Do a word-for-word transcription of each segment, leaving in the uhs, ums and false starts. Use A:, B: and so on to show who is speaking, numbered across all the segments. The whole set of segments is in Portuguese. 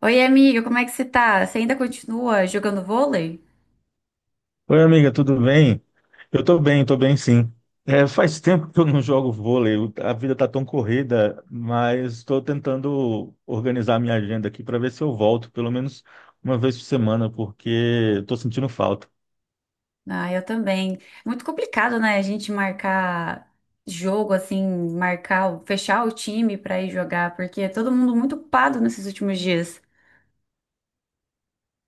A: Oi, amiga, como é que você tá? Você ainda continua jogando vôlei?
B: Oi, amiga, tudo bem? Eu tô bem, tô bem sim. É, faz tempo que eu não jogo vôlei, o- a vida tá tão corrida, mas estou tentando organizar minha agenda aqui para ver se eu volto pelo menos uma vez por semana, porque estou sentindo falta.
A: Ah, eu também. É muito complicado, né? A gente marcar jogo, assim, marcar, o- fechar o time pra ir jogar, porque é todo mundo muito ocupado nesses últimos dias.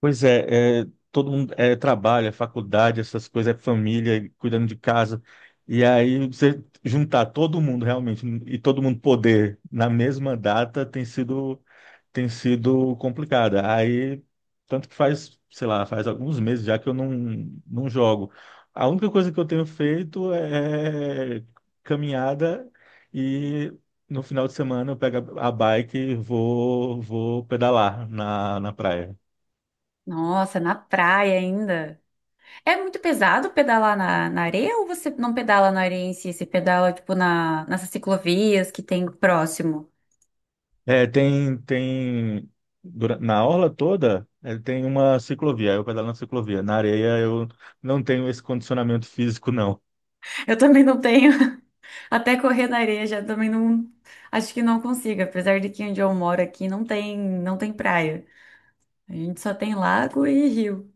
B: Pois é, é, todo mundo é trabalho, é faculdade, essas coisas, é família, cuidando de casa. E aí você juntar todo mundo realmente e todo mundo poder na mesma data tem sido tem sido complicada. Aí, tanto que faz, sei lá, faz alguns meses já que eu não, não jogo. A única coisa que eu tenho feito é caminhada e no final de semana eu pego a a bike e vou, vou pedalar na, na praia.
A: Nossa, na praia ainda. É muito pesado pedalar na, na areia ou você não pedala na areia em si? Você pedala, tipo, na, nessas ciclovias que tem próximo?
B: É, tem, tem, dura- na orla toda, é, tem uma ciclovia, eu pedalo na ciclovia. Na areia eu não tenho esse condicionamento físico, não.
A: Eu também não tenho. Até correr na areia já também não. Acho que não consigo, apesar de que onde eu moro aqui não tem, não tem praia. A gente só tem lago e rio.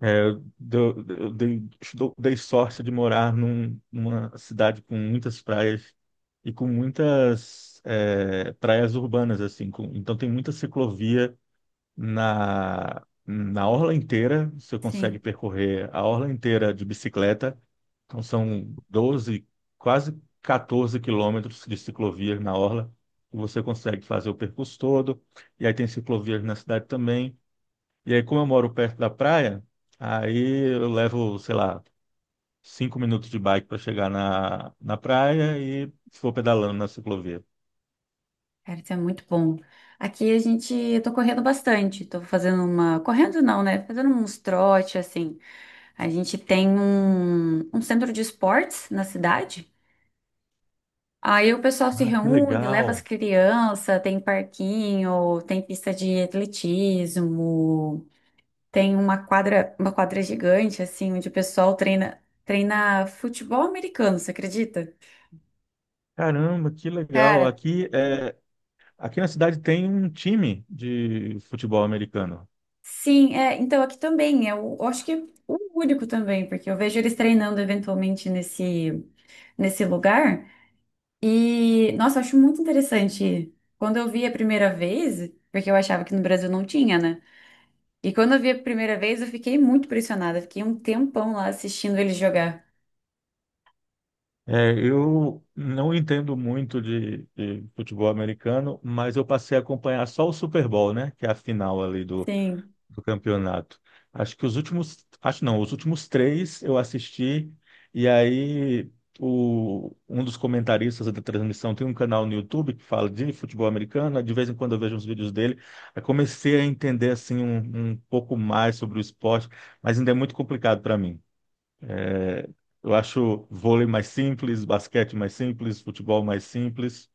B: É, eu, dou- eu dei, dou- dei sorte de morar num- numa cidade com muitas praias e com muitas é, praias urbanas, assim. Com- então tem muita ciclovia na, na orla inteira, você consegue
A: Sim,
B: percorrer a orla inteira de bicicleta. Então são doze, quase quatorze quilômetros de ciclovias na orla. E você consegue fazer o percurso todo. E aí tem ciclovias na cidade também. E aí, como eu moro perto da praia, aí eu levo, sei lá, cinco minutos de bike para chegar na, na praia e vou pedalando na ciclovia.
A: cara, isso é muito bom. Aqui a gente. Eu tô correndo bastante. Tô fazendo uma. Correndo não, né? Fazendo uns trote, assim. A gente tem um, um centro de esportes na cidade. Aí o pessoal se
B: Ah, que
A: reúne, leva as
B: legal!
A: crianças, tem parquinho, tem pista de atletismo. Tem uma quadra, uma quadra gigante, assim, onde o pessoal treina, treina futebol americano, você acredita?
B: Caramba, que legal!
A: Cara,
B: Aqui, é, aqui na cidade tem um time de futebol americano.
A: sim, é, então aqui também, é o- eu acho que é o único também, porque eu vejo eles treinando eventualmente nesse, nesse lugar, e, nossa, eu acho muito interessante. Quando eu vi a primeira vez, porque eu achava que no Brasil não tinha, né? E quando eu vi a primeira vez, eu fiquei muito impressionada, fiquei um tempão lá assistindo eles jogar.
B: É, eu não entendo muito de, de futebol americano, mas eu passei a acompanhar só o Super Bowl, né? Que é a final ali do,
A: Sim.
B: do campeonato. Acho que os últimos, acho não, os últimos três eu assisti, e aí o, um dos comentaristas da transmissão tem um canal no YouTube que fala de futebol americano, de vez em quando eu vejo uns vídeos dele, aí comecei a entender assim um, um pouco mais sobre o esporte, mas ainda é muito complicado para mim. É, eu acho vôlei mais simples, basquete mais simples, futebol mais simples.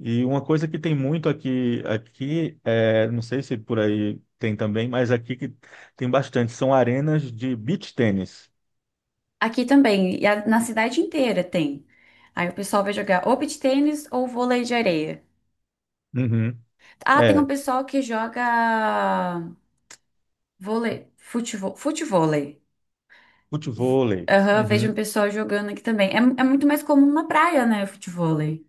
B: E uma coisa que tem muito aqui, aqui é, não sei se por aí tem também, mas aqui que tem bastante, são arenas de beach tênis.
A: Aqui também, e a- na cidade inteira tem. Aí o pessoal vai jogar ou beach tênis ou vôlei de areia.
B: Uhum.
A: Ah, tem um
B: É,
A: pessoal que joga vôlei, futevôlei. Futevôlei.
B: futevôlei.
A: Aham, vejo um
B: Uhum.
A: pessoal jogando aqui também. É, é muito mais comum na praia, né, futevôlei.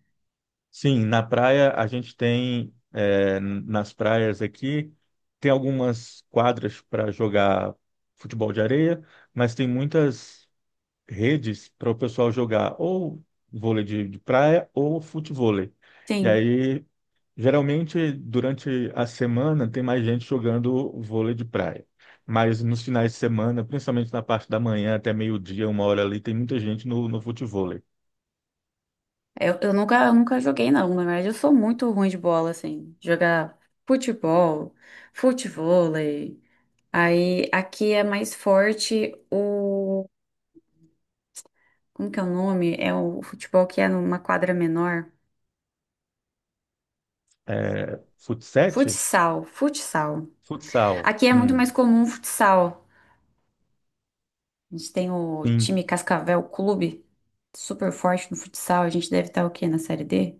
B: Sim, na praia a gente tem, é, nas praias aqui, tem algumas quadras para jogar futebol de areia, mas tem muitas redes para o pessoal jogar ou vôlei de, de praia ou futevôlei. E
A: Sim.
B: aí geralmente, durante a semana, tem mais gente jogando vôlei de praia. Mas nos finais de semana, principalmente na parte da manhã até meio-dia, uma hora ali, tem muita gente no, no futevôlei.
A: Eu, eu nunca, eu nunca joguei, não. Na verdade, eu sou muito ruim de bola, assim. Jogar futebol, futevôlei. Aí aqui é mais forte. Como que é o nome? É o futebol que é numa quadra menor.
B: É, futsete?
A: Futsal, futsal.
B: Futsal.
A: Aqui é muito
B: Hum,
A: mais comum o futsal. A gente tem o
B: sim.
A: time Cascavel Clube, super forte no futsal. A gente deve estar o quê? Na série D?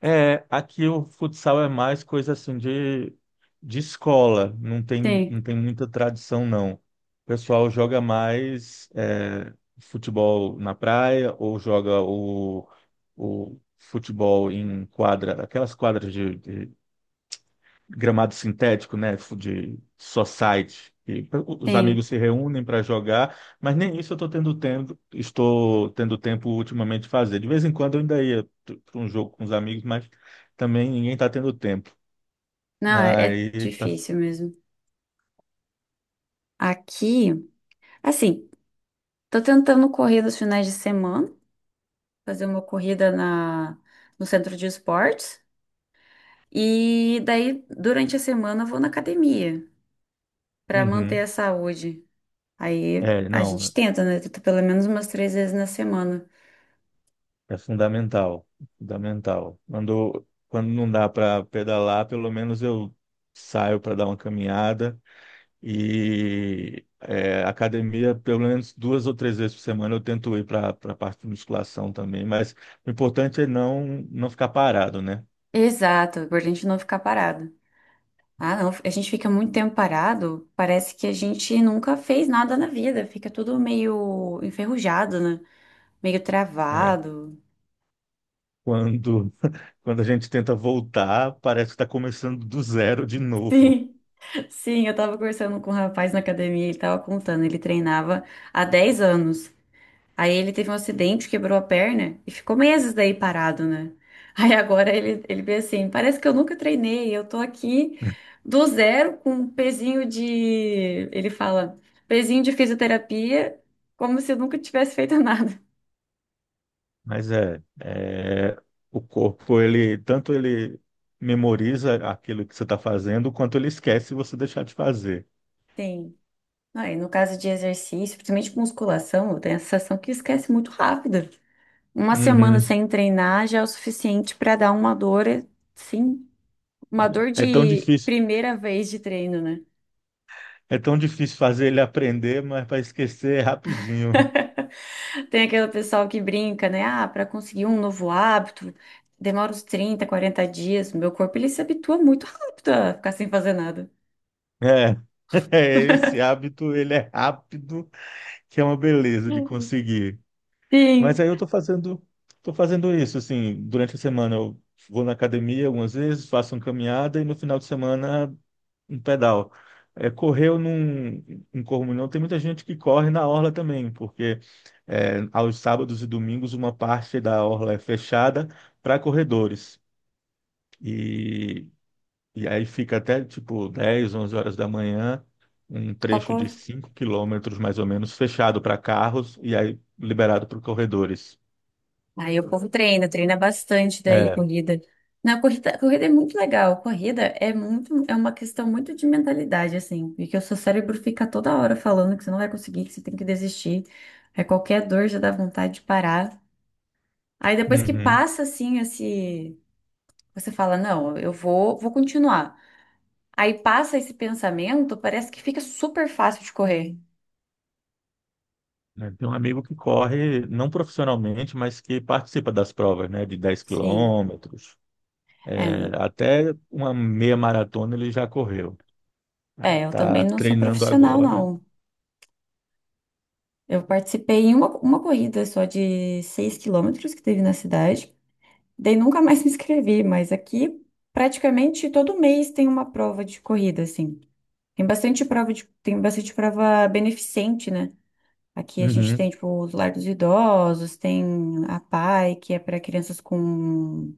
B: É, aqui o futsal é mais coisa assim de, de escola, não tem, não
A: Sim,
B: tem muita tradição, não. O pessoal joga mais é, futebol na praia ou joga o, o futebol em quadra, aquelas quadras de, de, gramado sintético, né, de society. E os
A: sim.
B: amigos se reúnem para jogar, mas nem isso eu estou tendo tempo, estou tendo tempo ultimamente de fazer. De vez em quando eu ainda ia para um jogo com os amigos, mas também ninguém está tendo tempo.
A: Não, é é
B: Aí tá.
A: difícil mesmo. Aqui, assim, tô tentando correr nos finais de semana, fazer uma corrida na, no centro de esportes. E daí, durante a semana, eu vou na academia para manter a
B: Uhum.
A: saúde. Aí
B: É,
A: a gente
B: não,
A: tenta, né? Tenta pelo menos umas três vezes na semana.
B: é fundamental, fundamental. Quando, quando não dá para pedalar, pelo menos eu saio para dar uma caminhada. E é, academia, pelo menos duas ou três vezes por semana, eu tento ir para a parte de musculação também, mas o importante é não, não ficar parado, né?
A: Exato, pra gente não ficar parado. Ah, não, a gente fica muito tempo parado, parece que a gente nunca fez nada na vida, fica tudo meio enferrujado, né? Meio
B: É,
A: travado.
B: quando, quando a gente tenta voltar, parece que está começando do zero de novo.
A: Sim, sim, eu tava conversando com um rapaz na academia, ele tava contando, ele treinava há dez anos. Aí ele teve um acidente, quebrou a perna e ficou meses daí parado, né? Aí agora ele, ele vê assim, parece que eu nunca treinei, eu tô aqui do zero com um pezinho de, ele fala, pezinho de fisioterapia, como se eu nunca tivesse feito nada.
B: Mas é, é, o corpo, ele tanto ele memoriza aquilo que você está fazendo, quanto ele esquece se você deixar de fazer.
A: Sim. Ah, e no caso de exercício, principalmente com musculação, eu tenho a sensação que esquece muito rápido. Uma semana
B: Uhum.
A: sem treinar já é o suficiente para dar uma dor, sim, uma dor
B: É tão
A: de
B: difícil,
A: primeira vez de treino, né?
B: é tão difícil fazer ele aprender, mas para esquecer é rapidinho.
A: Tem aquele pessoal que brinca, né? Ah, para conseguir um novo hábito, demora uns trinta quarenta dias. Meu corpo, ele se habitua muito rápido a ficar sem fazer nada.
B: É, esse hábito, ele é rápido, que é uma beleza de conseguir. Mas
A: Sim,
B: aí eu tô fazendo, tô fazendo isso, assim, durante a semana eu vou na academia algumas vezes, faço uma caminhada e no final de semana um pedal. É, correr eu não, não corro muito, não. Tem muita gente que corre na orla também, porque é, aos sábados e domingos uma parte da orla é fechada para corredores. E e aí fica até tipo dez, onze horas da manhã, um
A: só
B: trecho
A: cor.
B: de cinco quilômetros mais ou menos, fechado para carros e aí liberado para corredores.
A: Aí o povo treina, treina bastante daí,
B: É.
A: corrida. Na corrida, corrida é muito legal. Corrida é muito, é uma questão muito de mentalidade, assim, porque o seu cérebro fica toda hora falando que você não vai conseguir, que você tem que desistir. Aí qualquer dor já dá vontade de parar. Aí depois que
B: Uhum.
A: passa, assim, esse, você fala, não, eu vou, vou continuar. Aí passa esse pensamento, parece que fica super fácil de correr.
B: É, tem um amigo que corre, não profissionalmente, mas que participa das provas, né, de dez
A: Sim.
B: quilômetros. É,
A: É,
B: até uma meia maratona ele já correu. Aí
A: é, eu
B: tá
A: também não sou
B: treinando
A: profissional,
B: agora.
A: não. Eu participei em uma, uma corrida só de seis quilômetros que teve na cidade. Daí nunca mais me inscrevi, mas aqui praticamente todo mês tem uma prova de corrida, assim. Tem bastante prova de, tem bastante prova beneficente, né? Aqui a gente
B: Uhum.
A: tem, tipo, os lar dos idosos, tem a PAI, que é para crianças com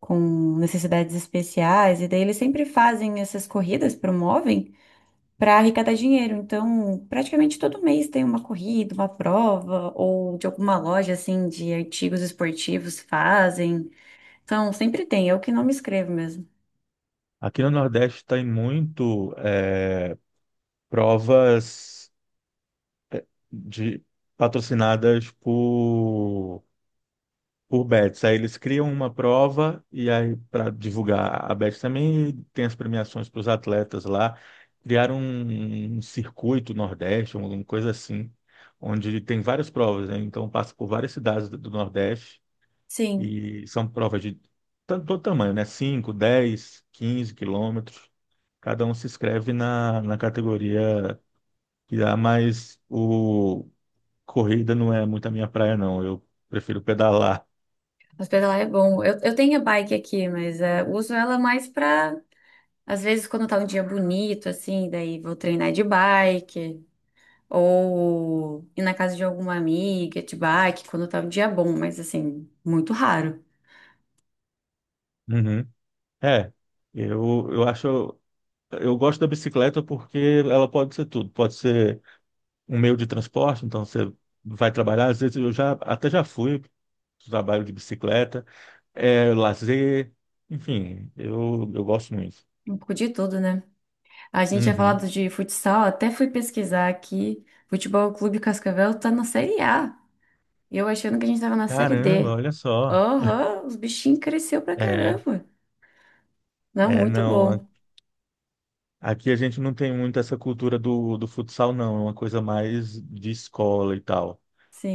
A: com necessidades especiais, e daí eles sempre fazem essas corridas, promovem, para arrecadar dinheiro. Então, praticamente todo mês tem uma corrida, uma prova, ou de alguma loja assim de artigos esportivos fazem. Então, sempre tem, eu que não me inscrevo mesmo.
B: Aqui no Nordeste tem muito é, provas. De patrocinadas por por bets. Aí eles criam uma prova e aí para divulgar a bet também tem as premiações para os atletas lá. Criaram um, um circuito Nordeste, um, alguma coisa assim, onde tem várias provas, né? Então passa por várias cidades do do Nordeste
A: Sim,
B: e são provas de tanto todo tamanho, né? Cinco, dez, quinze quilômetros. Cada um se inscreve na, na categoria que dá mais o, corrida não é muito a minha praia, não. Eu prefiro pedalar.
A: mas pedalar é bom. Eu, eu tenho a bike aqui, mas é, uso ela mais para, às vezes, quando tá um dia bonito, assim, daí vou treinar de bike. Ou ir na casa de alguma amiga, de bike, quando tá um dia bom, mas assim, muito raro.
B: Uhum. É, eu, eu acho. Eu gosto da bicicleta porque ela pode ser tudo. Pode ser um meio de transporte, então você vai trabalhar. Às vezes eu já até já fui pro trabalho de bicicleta, é lazer, enfim, eu, eu gosto muito.
A: Um pouco de tudo, né? A gente tinha falado
B: Uhum.
A: de futsal, até fui pesquisar aqui. Futebol Clube Cascavel tá na Série A. E eu achando que a gente tava na Série
B: Caramba,
A: D.
B: olha só.
A: Aham, os bichinhos cresceu pra
B: É,
A: caramba. Não,
B: é,
A: muito
B: não. a-
A: bom.
B: Aqui a gente não tem muito essa cultura do, do futsal, não. É uma coisa mais de escola e tal.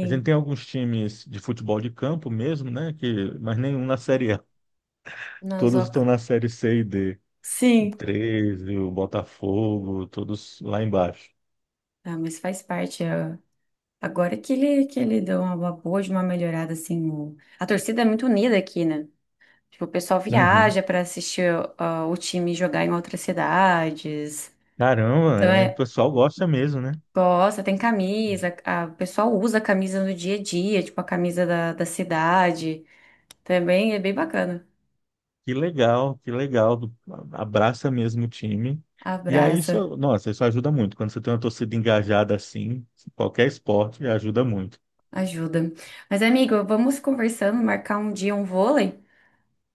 B: A gente tem alguns times de futebol de campo mesmo, né? Que, mas nenhum na Série A. Todos estão
A: Nazoca.
B: na Série C e D. O
A: Sim.
B: Treze, o Botafogo, todos lá embaixo.
A: Ah, mas faz parte. É. Agora que ele, que ele deu uma boa, de uma melhorada, assim. o- A torcida é muito unida aqui, né? Tipo, o pessoal
B: Uhum.
A: viaja para assistir ó, o time jogar em outras cidades.
B: Caramba,
A: Então
B: né? O
A: é,
B: pessoal gosta mesmo, né?
A: gosta, tem camisa, a- o pessoal usa a camisa no dia a dia, tipo a camisa da, da cidade. Também é bem bacana.
B: Que legal, que legal. Abraça mesmo o time. E aí,
A: Abraça,
B: isso, nossa, isso ajuda muito. Quando você tem uma torcida engajada assim, qualquer esporte ajuda muito.
A: ajuda. Mas, amigo, vamos conversando, marcar um dia um vôlei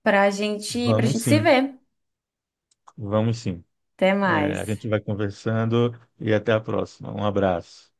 A: pra gente, pra
B: Vamos
A: gente se
B: sim,
A: ver.
B: vamos sim.
A: Até
B: É, a
A: mais.
B: gente vai conversando e até a próxima. Um abraço.